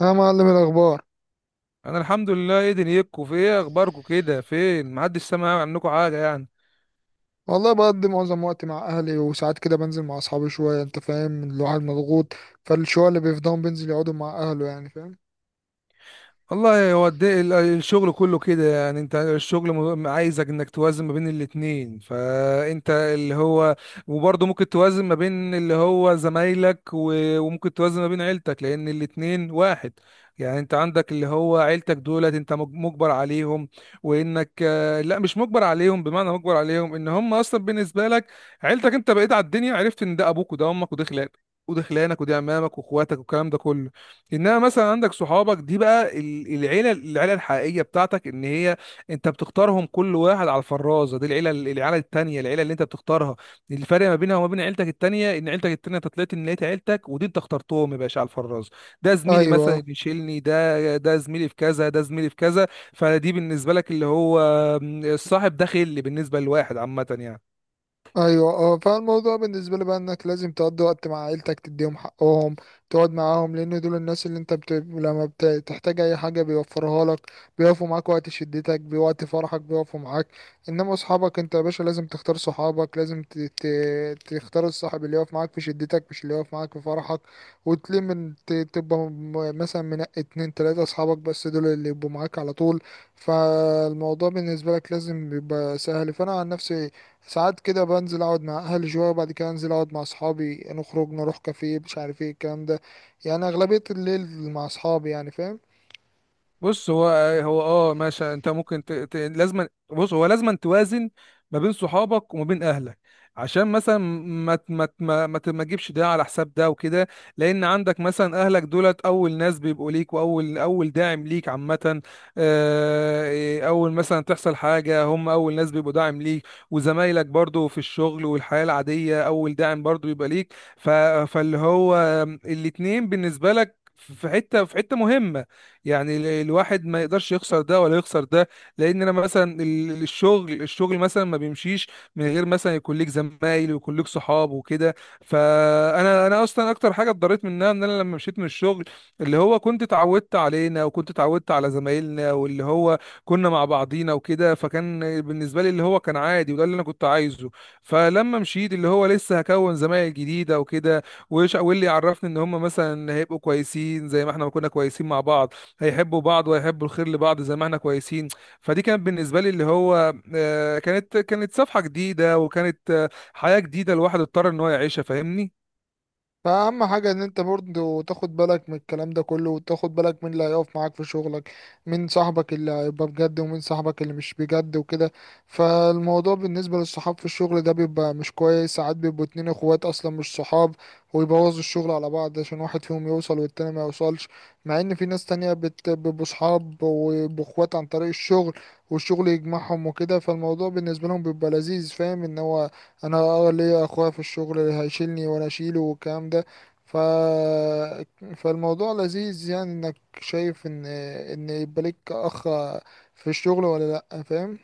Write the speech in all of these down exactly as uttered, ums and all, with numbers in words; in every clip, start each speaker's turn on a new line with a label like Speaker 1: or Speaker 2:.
Speaker 1: ها معلم، الأخبار؟
Speaker 2: انا الحمد لله ايدن يكو، في ايه اخباركم كده؟ فين محدش سمع عنكم حاجه يعني.
Speaker 1: والله بقضي معظم وقتي مع أهلي، وساعات كده بنزل مع أصحابي شوية. أنت فاهم، الواحد مضغوط. فالشوية اللي بيفضاهم بينزل يقعدوا مع أهله، يعني فاهم.
Speaker 2: والله هو الد- ال- الشغل كله كده يعني. انت الشغل م- عايزك انك توازن ما بين الاتنين، فانت اللي هو وبرضه ممكن توازن ما بين اللي هو زمايلك و- وممكن توازن ما بين عيلتك، لان الاتنين واحد يعني. انت عندك اللي هو عيلتك دولت انت مج- مجبر عليهم، وانك آه، لا، مش مجبر عليهم، بمعنى مجبر عليهم ان هم اصلا بالنسبة لك عيلتك. انت بقيت على الدنيا عرفت ان ده ابوك وده امك وده خلانك وده خلانك ودي عمامك واخواتك والكلام ده كله. انما مثلا عندك صحابك دي بقى ال- العيله، العيله الحقيقيه بتاعتك ان هي انت بتختارهم كل واحد على الفرازه. دي العيله، العيله التانيه، العيله اللي انت بتختارها. الفرق ما بينها وما بين عيلتك التانيه ان عيلتك التانيه انت طلعت ان لقيت عيلتك، ودي انت اخترتهم يا باشا على الفرازه. ده زميلي مثلا
Speaker 1: أيوة.
Speaker 2: اللي يشيلني، ده ده زميلي في كذا، ده زميلي في كذا. فدي بالنسبه لك اللي هو الصاحب، ده خل بالنسبه لواحد عامه يعني.
Speaker 1: ايوه، اه فالموضوع بالنسبه لي بقى انك لازم تقضي وقت مع عيلتك، تديهم حقهم، تقعد معاهم، لان دول الناس اللي انت بت... لما بتحتاج اي حاجه بيوفرها لك، بيقفوا معاك وقت شدتك، بوقت فرحك بيقفوا معاك. انما اصحابك انت يا باشا، لازم تختار صحابك، لازم ت... ت... تختار الصاحب اللي يقف معاك في شدتك مش اللي يقف معاك في فرحك. وتلم من... ت... تبقى م- مثلا منقي اتنين تلاته اصحابك بس، دول اللي يبقوا معاك على طول. فالموضوع بالنسبه لك لازم يبقى سهل. فانا عن نفسي ساعات كده بنزل اقعد مع اهلي شويه، وبعد كده انزل اقعد مع اصحابي، نخرج نروح كافيه، مش عارف ايه الكلام ده. يعني اغلبيه الليل مع اصحابي، يعني فاهم.
Speaker 2: بص هو، هو اه ماشي، انت ممكن ت... ت... لازم بص هو لازم توازن ما بين صحابك وما بين اهلك، عشان مثلا ما ت- ما ت- ما ما ت- ما تجيبش ده على حساب ده وكده. لان عندك مثلا اهلك دولت اول ناس بيبقوا ليك، واول اول داعم ليك عامه. آه، اول مثلا تحصل حاجه هم اول ناس بيبقوا داعم ليك. وزمايلك برضو في الشغل والحياه العاديه اول داعم برضو بيبقى ليك. ف... فاللي هو الاتنين بالنسبه لك في حته، في حته مهمه يعني. ال- الواحد ما يقدرش يخسر ده ولا يخسر ده. لان انا مثلا ال- الشغل الشغل مثلا ما بيمشيش من غير مثلا يكون ليك زمايل ويكون ليك صحاب وكده. فانا انا اصلا اكتر حاجه اتضريت منها ان انا لما مشيت من الشغل اللي هو كنت اتعودت علينا، وكنت اتعودت على زمايلنا، واللي هو كنا مع بعضينا وكده. فكان بالنسبه لي اللي هو كان عادي، وده اللي انا كنت عايزه. فلما مشيت اللي هو لسه هكون زمايل جديده وكده، وش- واللي يعرفني ان هم مثلا هيبقوا كويسين زي ما احنا ما كنا كويسين مع بعض، هيحبوا بعض وهيحبوا الخير لبعض زي ما احنا كويسين. فدي كانت بالنسبة لي اللي هو آه، كانت كانت صفحة جديدة، وكانت آه، حياة جديدة الواحد اضطر ان هو يعيشها، فاهمني.
Speaker 1: فأهم حاجة إن أنت برضه تاخد بالك من الكلام ده كله، وتاخد بالك من اللي هيقف معاك في شغلك، من صاحبك اللي هيبقى بجد ومن صاحبك اللي مش بجد وكده. فالموضوع بالنسبة للصحاب في الشغل ده بيبقى مش كويس. ساعات بيبقوا اتنين اخوات أصلا مش صحاب، ويبوظوا الشغل على بعض عشان واحد فيهم يوصل والتاني ما يوصلش. مع إن في ناس تانية بت- بيبقوا صحاب ويبقوا اخوات عن طريق الشغل، والشغل يجمعهم وكده. فالموضوع بالنسبة لهم بيبقى لذيذ، فاهم إن هو انا اه ليا اخويا في الشغل اللي هيشيلني وانا اشيله والكلام ده. ف فالموضوع لذيذ، يعني انك شايف ان ان يبقى لك اخ في الشغل، ولا لا فاهم.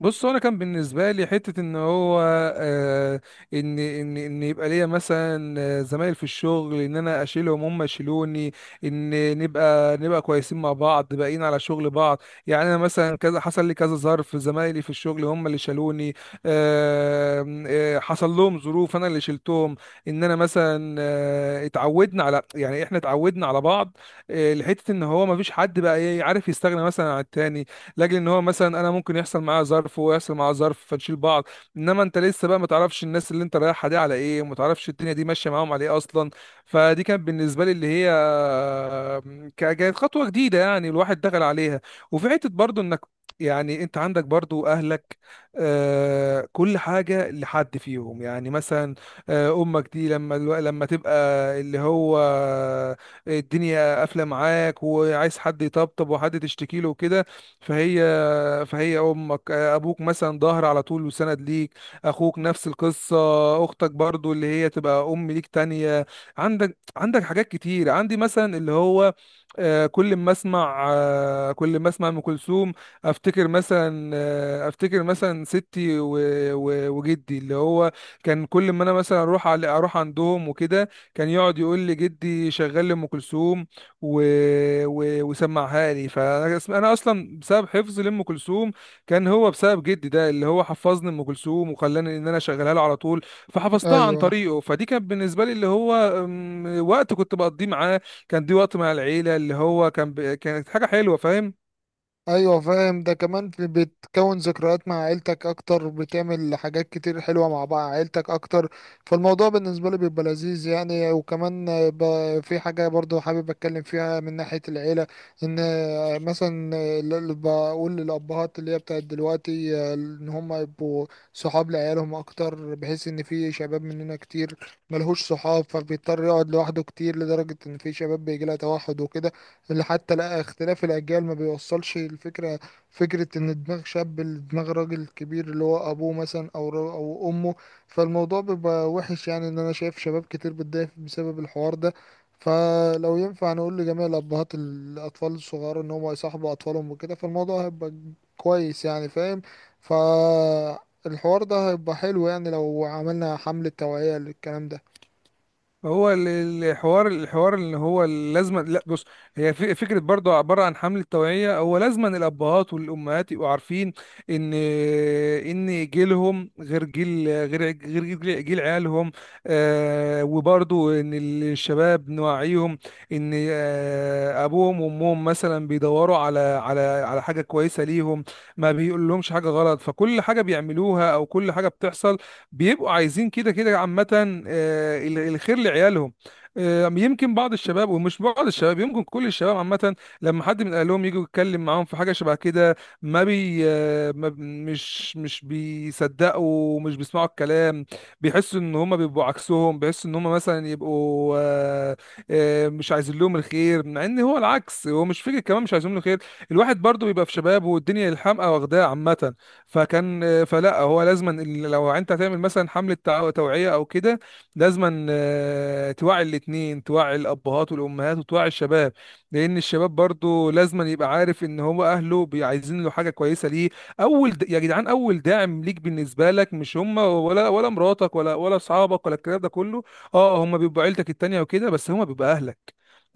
Speaker 2: بص هو انا كان بالنسبه لي حته ان هو آه، ان ان ان يبقى ليا مثلا آه، زمايل في الشغل ان انا اشيلهم هم يشيلوني، ان نبقى نبقى كويسين مع بعض باقيين على شغل بعض. يعني انا مثلا كذا حصل لي كذا ظرف زمايلي في الشغل هم اللي شالوني، آه آه، حصل لهم ظروف انا اللي شلتهم. ان انا مثلا آه، اتعودنا على يعني احنا اتعودنا على بعض، آه، لحته ان هو ما فيش حد بقى إيه، عارف يستغنى مثلا عن التاني، لاجل ان هو مثلا انا ممكن يحصل معايا ظرف وهو يحصل معاه ظرف فنشيل بعض. انما انت لسه بقى ما تعرفش الناس اللي انت رايحها دي على ايه، وما تعرفش الدنيا دي ماشيه معاهم على ايه اصلا. فدي كانت بالنسبه لي اللي هي ك- كانت خطوه جديده يعني، الواحد دخل عليها. وفي حته برضو انك يعني انت عندك برضو اهلك، آه، كل حاجه لحد فيهم يعني. مثلا آه، امك دي لما الو- لما تبقى اللي هو الدنيا قافله معاك وعايز حد يطبطب وحد تشتكي له وكده، فهي فهي امك ابوك مثلا ظهر على طول وسند ليك. اخوك نفس القصه. اختك برضو اللي هي تبقى ام ليك تانية. عندك عندك حاجات كتير. عندي مثلا اللي هو آه، كل ما اسمع آه، كل ما اسمع ام كلثوم افتكر مثلا آه، افتكر مثلا ستي و- و- وجدي. اللي هو كان كل ما انا مثلا اروح على اروح عندهم وكده كان يقعد يقول لي جدي شغال لام كلثوم، و... و... وسمعها لي. فانا اسم- انا اصلا بسبب حفظي لام كلثوم كان هو بسبب جدي ده اللي هو حفظني ام كلثوم وخلاني ان انا اشغلها له على طول. فحفظتها عن
Speaker 1: ايوه
Speaker 2: طريقه. فدي كانت بالنسبه لي اللي هو أم، وقت كنت بقضيه معاه. كان دي وقت مع العيله، اللي هو كان ب... كانت حاجه حلوه، فاهم.
Speaker 1: ايوه فاهم. ده كمان في بتكون ذكريات مع عيلتك اكتر، بتعمل حاجات كتير حلوه مع بعض عيلتك اكتر. فالموضوع بالنسبه لي بيبقى لذيذ يعني. وكمان ب- في حاجه برضو حابب اتكلم فيها من ناحيه العيله، ان مثلا اللي بقول للابهات اللي هي بتاعت دلوقتي ان هم يبقوا صحاب لعيالهم اكتر، بحيث ان في شباب مننا كتير ملهوش صحاب، فبيضطر يقعد لوحده كتير، لدرجه ان في شباب بيجي لها توحد وكده، اللي حتى لا اختلاف الأجيال ما بيوصلش الفكرة، فكرة إن دماغ شاب لدماغ راجل كبير اللي هو أبوه مثلا أو را- أو أمه. فالموضوع بيبقى وحش، يعني إن أنا شايف شباب كتير بتضايق بسبب الحوار ده. فلو ينفع نقول لجميع الأبهات الأطفال الصغار إن هم يصاحبوا أطفالهم وكده، فالموضوع هيبقى كويس يعني، فاهم. فالحوار ده هيبقى حلو يعني لو عملنا حملة توعية للكلام ده.
Speaker 2: هو ال- الحوار الحوار اللي هو لازم، لا بص، هي في- فكره برضه عباره عن حمله توعيه. هو لازم أن الابهات والامهات يبقوا عارفين ان ان جيلهم غير جيل، غير ع- غير جيل جيل عيالهم. آه، وبرضه ان الشباب نوعيهم ان آه، ابوهم وامهم مثلا بيدوروا على على على حاجه كويسه ليهم، ما بيقولهمش حاجه غلط، فكل حاجه بيعملوها او كل حاجه بتحصل بيبقوا عايزين كده كده عامة. آه، ال- الخير لعيالهم. آه، يمكن بعض الشباب ومش بعض الشباب، يمكن كل الشباب عامة لما حد من أهلهم يجي يتكلم معاهم في حاجة شبه كده ما بي آه، ما ب- مش مش بيصدقوا ومش بيسمعوا الكلام. بيحسوا إن هما بيبقوا عكسهم، بيحسوا إن هما مثلا يبقوا آه، آه، مش عايزين لهم الخير، مع إن هو العكس هو مش فكرة، كمان مش عايزين له خير. الواحد برضه بيبقى في شبابه والدنيا الحمقى واخداه عامة. فكان، فلا هو لازما ال- لو انت هتعمل مثلا حمله تع- توعيه او كده لازما آه، توعي الاثنين، توعي الابهات والامهات وتوعي الشباب، لان الشباب برضو لازما يبقى عارف ان هو اهله بي- عايزين له حاجه كويسه ليه. اول د- يا جدعان، اول داعم ليك بالنسبه لك مش هم، ولا ولا مراتك، ولا ولا اصحابك ولا الكلام ده كله. اه هم بيبقوا عيلتك التانيه وكده، بس هم بيبقى اهلك.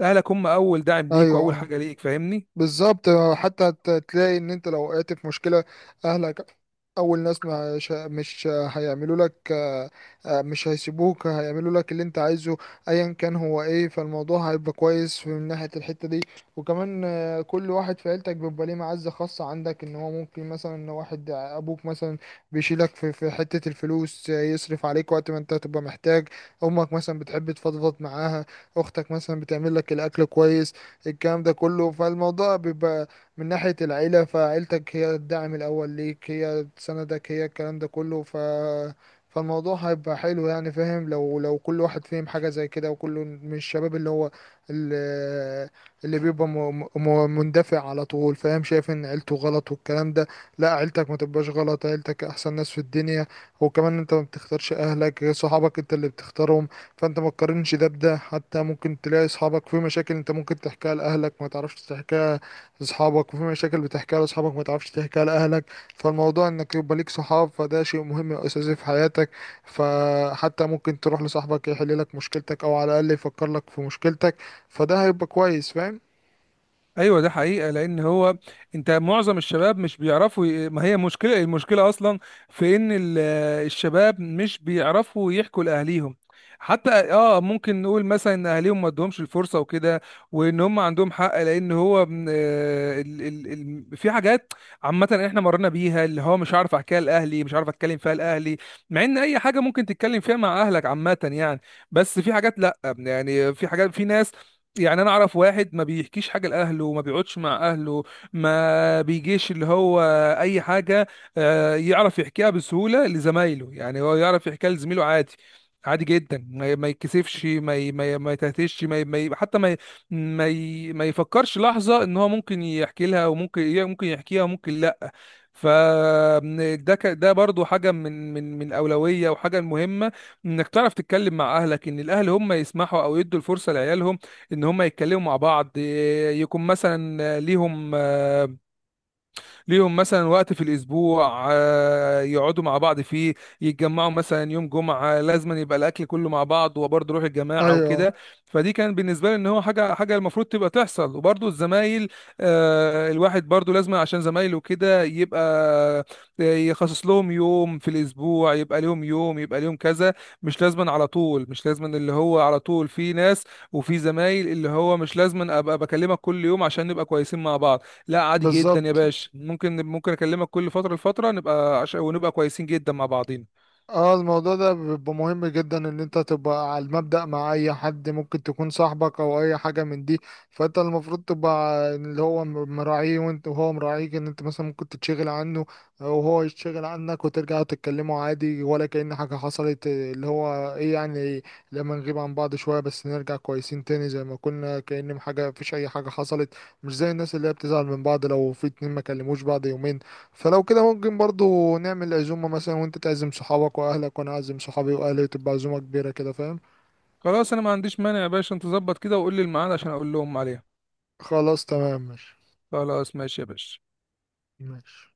Speaker 2: اهلك هم اول داعم ليك واول
Speaker 1: أيوه،
Speaker 2: حاجه ليك، فاهمني.
Speaker 1: بالظبط. حتى ت- تلاقي ان انت لو وقعت في مشكلة، اهلك اول ناس مش مش هيعملوا لك آه، مش هيسيبوك، هيعملوا لك اللي انت عايزه ايا كان هو ايه. فالموضوع هيبقى كويس من ناحية الحتة دي. وكمان آه، كل واحد في عيلتك بيبقى ليه معزة خاصة عندك، ان هو ممكن مثلا إن واحد ابوك مثلا بيشيلك في في حتة الفلوس، آه، يصرف عليك وقت ما انت تبقى محتاج. امك مثلا بتحب تفضفض معاها، اختك مثلا بتعمل لك الاكل كويس، الكلام ده كله. فالموضوع بيبقى من ناحية العيلة، فعيلتك هي الدعم الأول ليك، هي تساندك، هي الكلام ده كله. ف فالموضوع هيبقى حلو يعني فاهم، لو لو كل واحد فاهم حاجة زي كده، وكله من الشباب اللي هو اللي, اللي بيبقى م... م... مندفع على طول، فاهم، شايف ان عيلته غلط والكلام ده. لا، عيلتك ما تبقاش غلط، عيلتك احسن ناس في الدنيا. وكمان انت ما بتختارش اهلك، صحابك انت اللي بتختارهم، فانت ما تقارنش ده بده. حتى ممكن تلاقي اصحابك في مشاكل انت ممكن تحكيها لاهلك ما تعرفش تحكيها لاصحابك، وفي مشاكل بتحكيها لاصحابك ما تعرفش تحكيها لاهلك. فالموضوع انك يبقى ليك صحاب، فده شيء مهم واساسي في حياتك. فحتى ممكن تروح لصاحبك يحل لك مشكلتك، او على الاقل يفكر لك في مشكلتك. فده هيبقى كويس، فاهم.
Speaker 2: ايوه، ده حقيقه. لان هو انت معظم الشباب مش بيعرفوا ي- ما هي مشكله، المشكله اصلا في ان ال- الشباب مش بيعرفوا يحكوا لاهليهم. حتى اه ممكن نقول مثلا ان اهليهم ما ادهمش الفرصه وكده، وان هم عندهم حق. لان هو م- آه، ال ال ال في حاجات عامه احنا مرينا بيها اللي هو مش عارف احكيها لاهلي، مش عارف اتكلم فيها لاهلي، مع ان اي حاجه ممكن تتكلم فيها مع اهلك عامه يعني. بس في حاجات لا يعني، في حاجات في ناس يعني. انا اعرف واحد ما بيحكيش حاجه لاهله وما بيقعدش مع اهله، ما بيجيش اللي هو اي حاجه، آه، يعرف يحكيها بسهوله لزمايله. يعني هو يعرف يحكيها لزميله عادي، عادي جدا، ما ما يتكسفش، ما ي- ما ي- ما يتهتش، ما ي- ما ي- حتى ما ي- ما ي- ما يفكرش لحظه ان هو ممكن يحكي لها، وممكن ممكن يحكيها وممكن لا. ف ده ك- ده برضو حاجه من من من اولويه، وحاجه مهمه انك تعرف تتكلم مع اهلك، ان الاهل هم يسمحوا او يدوا الفرصه لعيالهم ان هم يتكلموا مع بعض. إيه، يكون مثلا ليهم، ليهم مثلا وقت في الاسبوع آه، يقعدوا مع بعض فيه. يتجمعوا مثلا يوم جمعه، لازما يبقى الاكل كله مع بعض وبرضه روح الجماعه
Speaker 1: ايوه،
Speaker 2: وكده. فدي كان بالنسبه لي ان هو حاجه حاجه المفروض تبقى تحصل. وبرضه الزمايل آه، الواحد برضه لازم عشان زمايله كده يبقى آه، يخصص لهم يوم في الاسبوع، يبقى لهم يوم، يبقى لهم كذا. مش لازما على طول، مش لازما اللي هو على طول. في ناس وفي زمايل اللي هو مش لازما ابقى بكلمك كل يوم عشان نبقى كويسين مع بعض. لا، عادي جدا يا
Speaker 1: بالظبط.
Speaker 2: باشا، ممكن ممكن اكلمك كل فتره لفتره نبقى عش... ونبقى كويسين جدا مع بعضينا.
Speaker 1: اه الموضوع ده بيبقى مهم جدا، ان انت تبقى على المبدأ مع اي حد ممكن تكون صاحبك او اي حاجة من دي. فانت المفروض تبقى اللي هو م- مراعيه، وانت وهو مراعيك، ان انت مثلا ممكن تتشغل عنه وهو يتشغل عنك، وترجعوا تتكلموا عادي ولا كأن حاجة حصلت، اللي هو ايه يعني، لما نغيب عن بعض شوية بس نرجع كويسين تاني زي ما كنا، كأن حاجة، مفيش اي حاجة حصلت. مش زي الناس اللي هي بتزعل من بعض لو في اتنين ما كلموش بعض يومين. فلو كده ممكن برضو نعمل عزومة مثلا، وانت تعزم صحابك واهلك وانا اعزم صحابي واهلي، تبقى عزومة كبيرة كده، فاهم.
Speaker 2: خلاص، انا ما عنديش مانع يا باشا، انت ظبط كده وقول لي الميعاد عشان اقول لهم عليها.
Speaker 1: خلاص تمام، ماشي.
Speaker 2: خلاص ماشي يا باشا.
Speaker 1: ماشي.